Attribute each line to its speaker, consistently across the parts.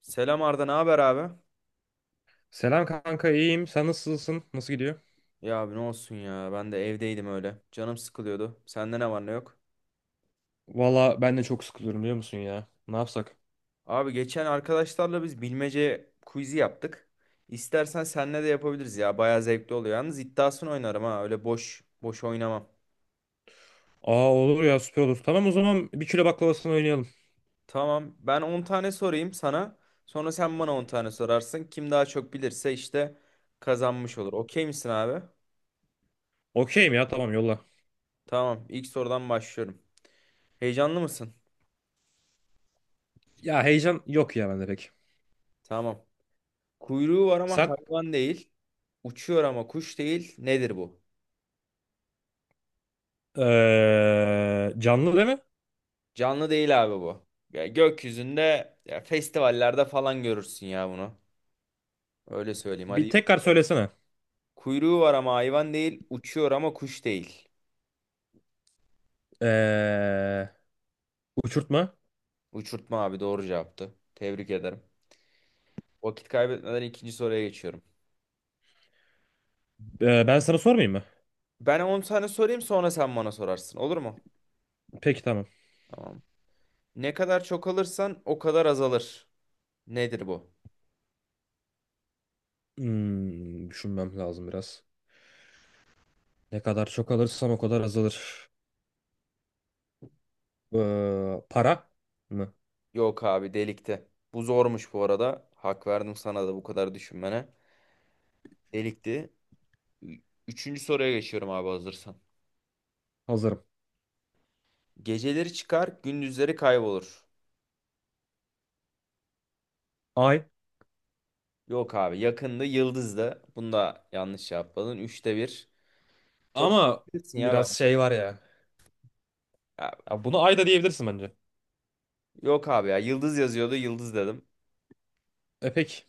Speaker 1: Selam Arda, ne haber abi?
Speaker 2: Selam kanka iyiyim. Sen nasılsın? Nasıl gidiyor?
Speaker 1: Ya abi ne olsun ya, ben de evdeydim öyle. Canım sıkılıyordu. Sende ne var ne yok?
Speaker 2: Valla ben de çok sıkılıyorum biliyor musun ya? Ne yapsak?
Speaker 1: Abi geçen arkadaşlarla biz bilmece quiz'i yaptık. İstersen seninle de yapabiliriz ya. Bayağı zevkli oluyor. Yalnız iddiasını oynarım ha. Öyle boş boş oynamam.
Speaker 2: Aa olur ya süper olur. Tamam o zaman bir kilo baklavasını oynayalım.
Speaker 1: Tamam. Ben 10 tane sorayım sana. Sonra sen bana 10 tane sorarsın. Kim daha çok bilirse işte kazanmış olur. Okey misin abi?
Speaker 2: Okeyim ya tamam yolla.
Speaker 1: Tamam. İlk sorudan başlıyorum. Heyecanlı mısın?
Speaker 2: Ya heyecan yok ya bende pek.
Speaker 1: Tamam. Kuyruğu var ama
Speaker 2: Sen
Speaker 1: hayvan değil. Uçuyor ama kuş değil. Nedir bu?
Speaker 2: canlı değil mi?
Speaker 1: Canlı değil abi bu. Ya gökyüzünde ya festivallerde falan görürsün ya bunu. Öyle söyleyeyim
Speaker 2: Bir
Speaker 1: hadi.
Speaker 2: tekrar söylesene.
Speaker 1: Kuyruğu var ama hayvan değil. Uçuyor ama kuş değil.
Speaker 2: Eee Uçurtma.
Speaker 1: Uçurtma abi doğru cevaptı. Tebrik ederim. Vakit kaybetmeden ikinci soruya geçiyorum.
Speaker 2: Ben sana sormayayım mı?
Speaker 1: Ben 10 tane sorayım sonra sen bana sorarsın. Olur mu?
Speaker 2: Peki tamam.
Speaker 1: Tamam. Ne kadar çok alırsan o kadar azalır. Nedir bu?
Speaker 2: Düşünmem lazım biraz. Ne kadar çok alırsam o kadar azalır. Para mı?
Speaker 1: Yok abi delikti. Bu zormuş bu arada. Hak verdim sana da bu kadar düşünmene. Delikti. Ü- Üçüncü soruya geçiyorum abi hazırsan.
Speaker 2: Hazırım.
Speaker 1: Geceleri çıkar, gündüzleri kaybolur.
Speaker 2: Ay.
Speaker 1: Yok abi yakında yıldızda. Bunu da yanlış yapmadın. Üçte bir. Top
Speaker 2: Ama
Speaker 1: bilirsin ya ben.
Speaker 2: biraz şey var ya.
Speaker 1: Ya,
Speaker 2: Ya bunu ayda diyebilirsin bence.
Speaker 1: yok abi ya yıldız yazıyordu yıldız dedim.
Speaker 2: Epek.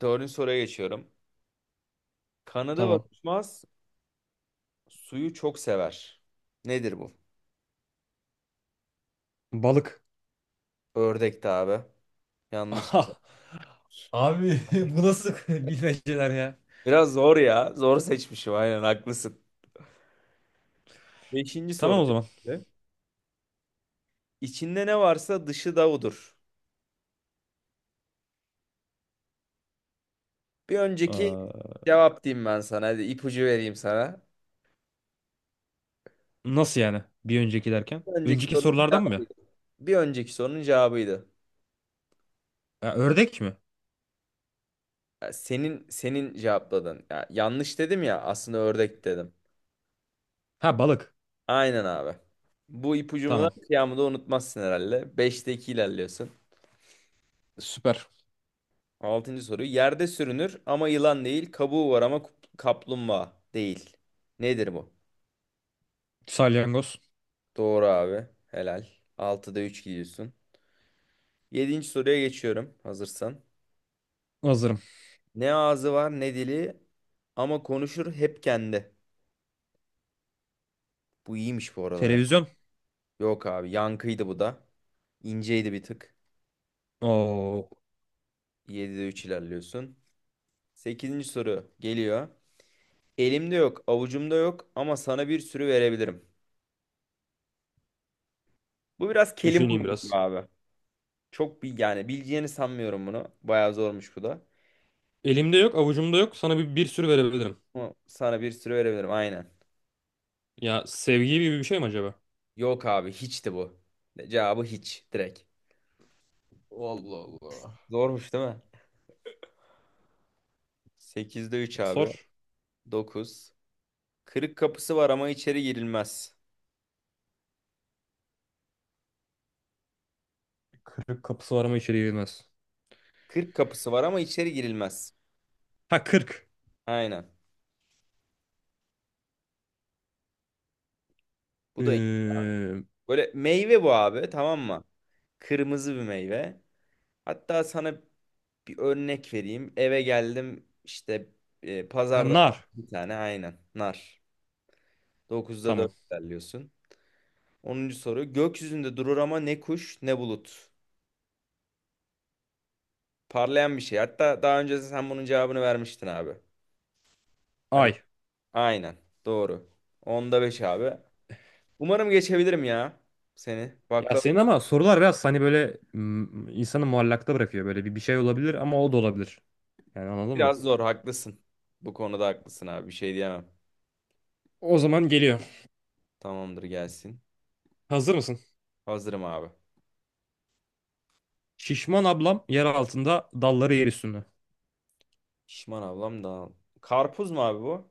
Speaker 1: Dördüncü soruya geçiyorum. Kanadı var
Speaker 2: Tamam.
Speaker 1: uçmaz, suyu çok sever. Nedir bu?
Speaker 2: Balık.
Speaker 1: Ördekti abi. Yanlış.
Speaker 2: Aha. Abi bu nasıl bilmeceler ya?
Speaker 1: Biraz zor ya. Zor seçmişim, aynen haklısın. Beşinci
Speaker 2: Tamam
Speaker 1: soru
Speaker 2: o zaman.
Speaker 1: şimdi. İçinde ne varsa dışı da odur. Bir önceki
Speaker 2: Ee,
Speaker 1: cevap diyeyim ben sana. Hadi ipucu vereyim sana.
Speaker 2: Nasıl yani? Bir önceki derken.
Speaker 1: Bir önceki
Speaker 2: Önceki
Speaker 1: sorunun
Speaker 2: sorulardan mı?
Speaker 1: cevabıydı. Bir önceki sorunun cevabıydı.
Speaker 2: Ya, ördek mi?
Speaker 1: Ya, senin cevapladın. Ya yanlış dedim ya, aslında ördek dedim.
Speaker 2: Ha balık.
Speaker 1: Aynen abi. Bu ipucumu da
Speaker 2: Tamam.
Speaker 1: kıyamı da unutmazsın herhalde. 5'te 2 ilerliyorsun.
Speaker 2: Süper.
Speaker 1: Altıncı soru. Yerde sürünür ama yılan değil. Kabuğu var ama kaplumbağa değil. Nedir bu?
Speaker 2: Salyangoz.
Speaker 1: Doğru abi. Helal. Altıda 3 gidiyorsun. Yedinci soruya geçiyorum hazırsan.
Speaker 2: Hazırım.
Speaker 1: Ne ağzı var ne dili ama konuşur hep kendi. Bu iyiymiş bu arada ya.
Speaker 2: Televizyon.
Speaker 1: Yok abi yankıydı bu da. İnceydi bir tık.
Speaker 2: Oo.
Speaker 1: 7'de 3 ilerliyorsun. Sekizinci soru geliyor. Elimde yok, avucumda yok ama sana bir sürü verebilirim. Bu biraz kelime oyunu
Speaker 2: Düşüneyim
Speaker 1: gibi
Speaker 2: biraz.
Speaker 1: abi. Çok bir yani bileceğini sanmıyorum bunu. Bayağı zormuş bu da.
Speaker 2: Elimde yok, avucumda yok. Sana bir sürü verebilirim.
Speaker 1: Ama sana bir sürü verebilirim, aynen.
Speaker 2: Ya sevgi gibi bir şey mi acaba?
Speaker 1: Yok abi hiçti bu. Cevabı hiç direkt.
Speaker 2: Allah Allah.
Speaker 1: Zormuş değil mi? 8'de 3 abi.
Speaker 2: Sor.
Speaker 1: 9, Kırık kapısı var ama içeri girilmez.
Speaker 2: Kırık kapısı var ama içeri girmez.
Speaker 1: Kırk kapısı var ama içeri girilmez.
Speaker 2: Ha 40.
Speaker 1: Aynen. Bu da iyi.
Speaker 2: Ee,
Speaker 1: Böyle meyve bu abi, tamam mı? Kırmızı bir meyve. Hatta sana bir örnek vereyim. Eve geldim işte,
Speaker 2: ha,
Speaker 1: pazarda
Speaker 2: nar.
Speaker 1: bir tane, aynen nar. 9'da 4
Speaker 2: Tamam.
Speaker 1: ilerliyorsun. Onuncu soru. Gökyüzünde durur ama ne kuş ne bulut. Parlayan bir şey. Hatta daha önce sen bunun cevabını vermiştin abi. Hani
Speaker 2: Ay.
Speaker 1: aynen doğru. 10'da 5 abi. Umarım geçebilirim ya seni.
Speaker 2: Ya
Speaker 1: Baklava
Speaker 2: senin ama sorular biraz hani böyle insanı muallakta bırakıyor. Böyle bir şey olabilir ama o da olabilir. Yani anladın mı?
Speaker 1: biraz zor, haklısın. Bu konuda haklısın abi, bir şey diyemem.
Speaker 2: O zaman geliyor.
Speaker 1: Tamamdır, gelsin.
Speaker 2: Hazır mısın?
Speaker 1: Hazırım abi.
Speaker 2: Şişman ablam yer altında dalları yer üstünde.
Speaker 1: Şişman ablam da. Karpuz mu abi bu?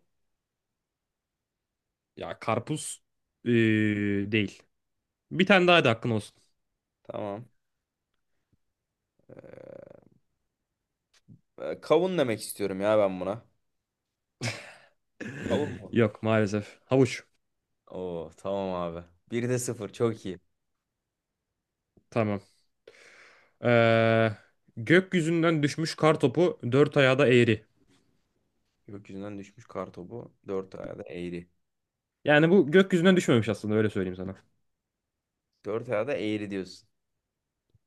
Speaker 2: Ya karpuz ee, değil. Bir tane daha da hakkın olsun.
Speaker 1: Tamam. Kavun demek istiyorum ya ben buna. Kavun mu?
Speaker 2: Yok maalesef. Havuç.
Speaker 1: Oo tamam abi. Bir de sıfır, çok iyi.
Speaker 2: Tamam. Ee, Gökyüzünden düşmüş kar topu dört ayağı da eğri.
Speaker 1: Gökyüzünden düşmüş kartopu. Dört ayağı da eğri.
Speaker 2: Yani bu gökyüzünden düşmemiş aslında öyle söyleyeyim sana.
Speaker 1: Dört ayağı da eğri diyorsun.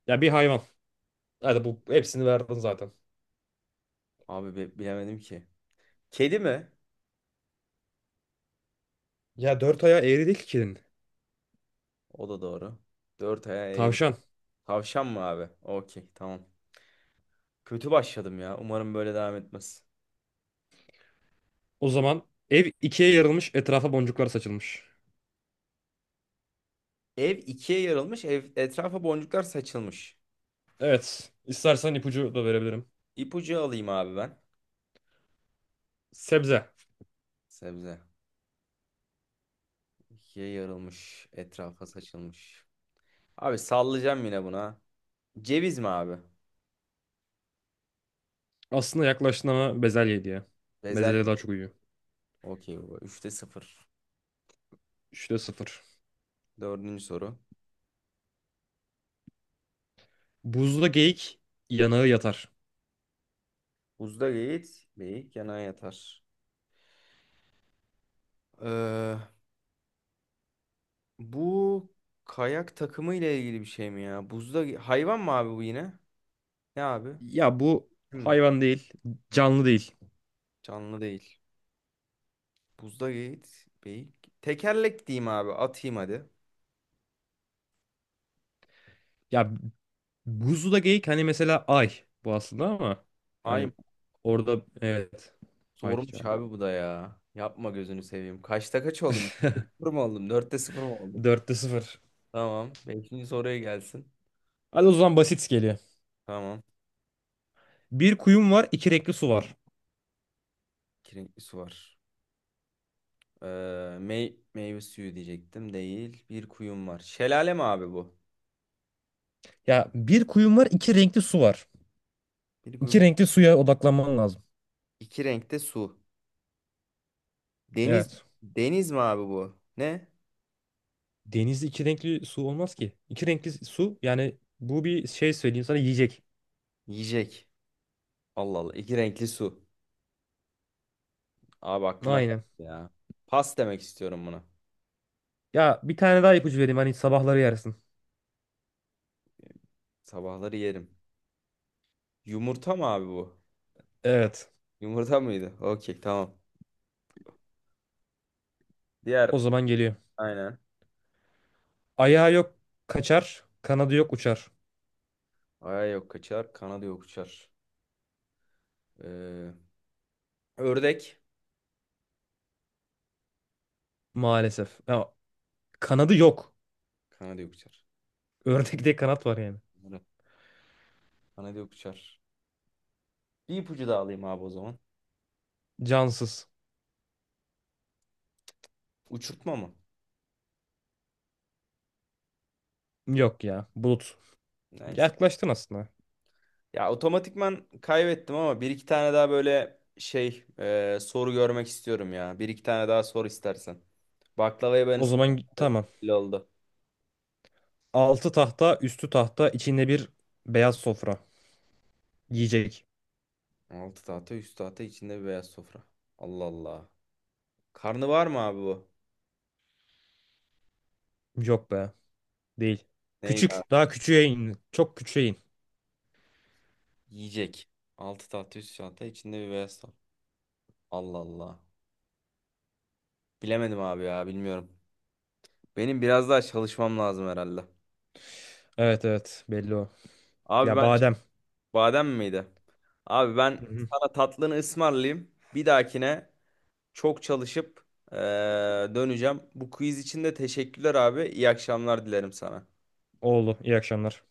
Speaker 2: Ya bir hayvan. Hadi bu hepsini verdin zaten.
Speaker 1: Abi bilemedim ki. Kedi mi?
Speaker 2: Ya dört ayağı eğri değil ki kedinin.
Speaker 1: O da doğru. Dört ayağı eğri.
Speaker 2: Tavşan.
Speaker 1: Tavşan mı abi? Okey tamam. Kötü başladım ya. Umarım böyle devam etmez.
Speaker 2: O zaman ev ikiye yarılmış, etrafa boncuklar saçılmış.
Speaker 1: Ev ikiye yarılmış. Ev etrafa boncuklar saçılmış.
Speaker 2: Evet. İstersen ipucu da verebilirim.
Speaker 1: İpucu alayım abi ben.
Speaker 2: Sebze.
Speaker 1: Sebze. İkiye yarılmış. Etrafa saçılmış. Abi sallayacağım yine buna. Ceviz mi abi?
Speaker 2: Aslında yaklaştın ama bezelye diye. Bezelye
Speaker 1: Bezelye.
Speaker 2: daha çok uyuyor.
Speaker 1: Okey baba. Üçte sıfır.
Speaker 2: Üçte sıfır.
Speaker 1: Dördüncü soru.
Speaker 2: Buzda geyik yanağı yatar.
Speaker 1: Buzda geyik, geyik yana yatar. Ee, bu kayak takımı ile ilgili bir şey mi ya? Buzda hayvan mı abi bu yine? Ne abi?
Speaker 2: Ya bu
Speaker 1: Değil mi?
Speaker 2: hayvan değil. Canlı değil.
Speaker 1: Canlı değil. Buzda Yiğit Bey. Tekerlek diyeyim abi. Atayım hadi.
Speaker 2: Ya buzda geyik hani mesela ay bu aslında ama
Speaker 1: Ay,
Speaker 2: hani orada evet. Ay
Speaker 1: zormuş
Speaker 2: canım.
Speaker 1: abi bu da ya. Yapma gözünü seveyim. Kaçta kaç oldum? Beşte sıfır mı oldum? Dörtte sıfır mı oldum?
Speaker 2: Dörtte sıfır.
Speaker 1: Tamam. Beşinci soruya gelsin.
Speaker 2: Hadi o zaman basit geliyor.
Speaker 1: Tamam.
Speaker 2: Bir kuyum var, iki renkli su var.
Speaker 1: İki renkli su var. Meyve suyu diyecektim. Değil. Bir kuyum var. Şelale mi abi bu?
Speaker 2: Ya bir kuyum var, iki renkli su var.
Speaker 1: Bir
Speaker 2: İki
Speaker 1: kuyum.
Speaker 2: renkli suya odaklanman lazım.
Speaker 1: İki renkte su. Deniz.
Speaker 2: Evet.
Speaker 1: Deniz mi abi bu? Ne?
Speaker 2: Denizde iki renkli su olmaz ki. İki renkli su yani bu bir şey söyleyeyim sana yiyecek.
Speaker 1: Yiyecek. Allah Allah. İki renkli su. Abi aklıma geldi
Speaker 2: Aynen.
Speaker 1: ya. Pas demek istiyorum buna.
Speaker 2: Ya bir tane daha ipucu vereyim hani sabahları yersin.
Speaker 1: Sabahları yerim. Yumurta mı abi bu?
Speaker 2: Evet.
Speaker 1: Yumurta mıydı? Okey tamam. Diğer
Speaker 2: O zaman geliyor.
Speaker 1: aynen.
Speaker 2: Ayağı yok kaçar, kanadı yok uçar.
Speaker 1: Aya yok kaçar. Kanadı yok uçar. Ee, ördek.
Speaker 2: Maalesef. Ya, kanadı yok.
Speaker 1: Kanadı yok uçar.
Speaker 2: Ördekte kanat var yani.
Speaker 1: Bunları- Kanadı yok uçar. Bir ipucu daha alayım abi o zaman.
Speaker 2: Cansız.
Speaker 1: Uçurtma mı?
Speaker 2: Yok ya. Bulut.
Speaker 1: Nice.
Speaker 2: Yaklaştın aslında.
Speaker 1: Ya otomatikman kaybettim ama bir iki tane daha böyle şey, soru görmek istiyorum ya. Bir iki tane daha sor istersen. Baklavayı ben
Speaker 2: O zaman
Speaker 1: ısmarladım.
Speaker 2: tamam.
Speaker 1: Belli oldu.
Speaker 2: Altı tahta, üstü tahta, içinde bir beyaz sofra. Yiyecek.
Speaker 1: Altı tahta üst tahta, içinde bir beyaz sofra. Allah Allah. Karnı var mı abi bu?
Speaker 2: Yok be. Değil.
Speaker 1: Neydi abi?
Speaker 2: Küçük. Daha küçüğe in. Çok küçüğe in.
Speaker 1: Yiyecek. 6 tahta üst çanta, içinde bir beyaz tahta. Allah Allah. Bilemedim abi ya, bilmiyorum. Benim biraz daha çalışmam lazım herhalde.
Speaker 2: Evet evet. Belli o.
Speaker 1: Abi
Speaker 2: Ya
Speaker 1: ben
Speaker 2: badem.
Speaker 1: badem miydi? Abi ben
Speaker 2: Hı hı.
Speaker 1: sana tatlını ısmarlayayım. Bir dahakine çok çalışıp eee, döneceğim. Bu quiz için de teşekkürler abi. İyi akşamlar dilerim sana.
Speaker 2: Oğlu. İyi akşamlar.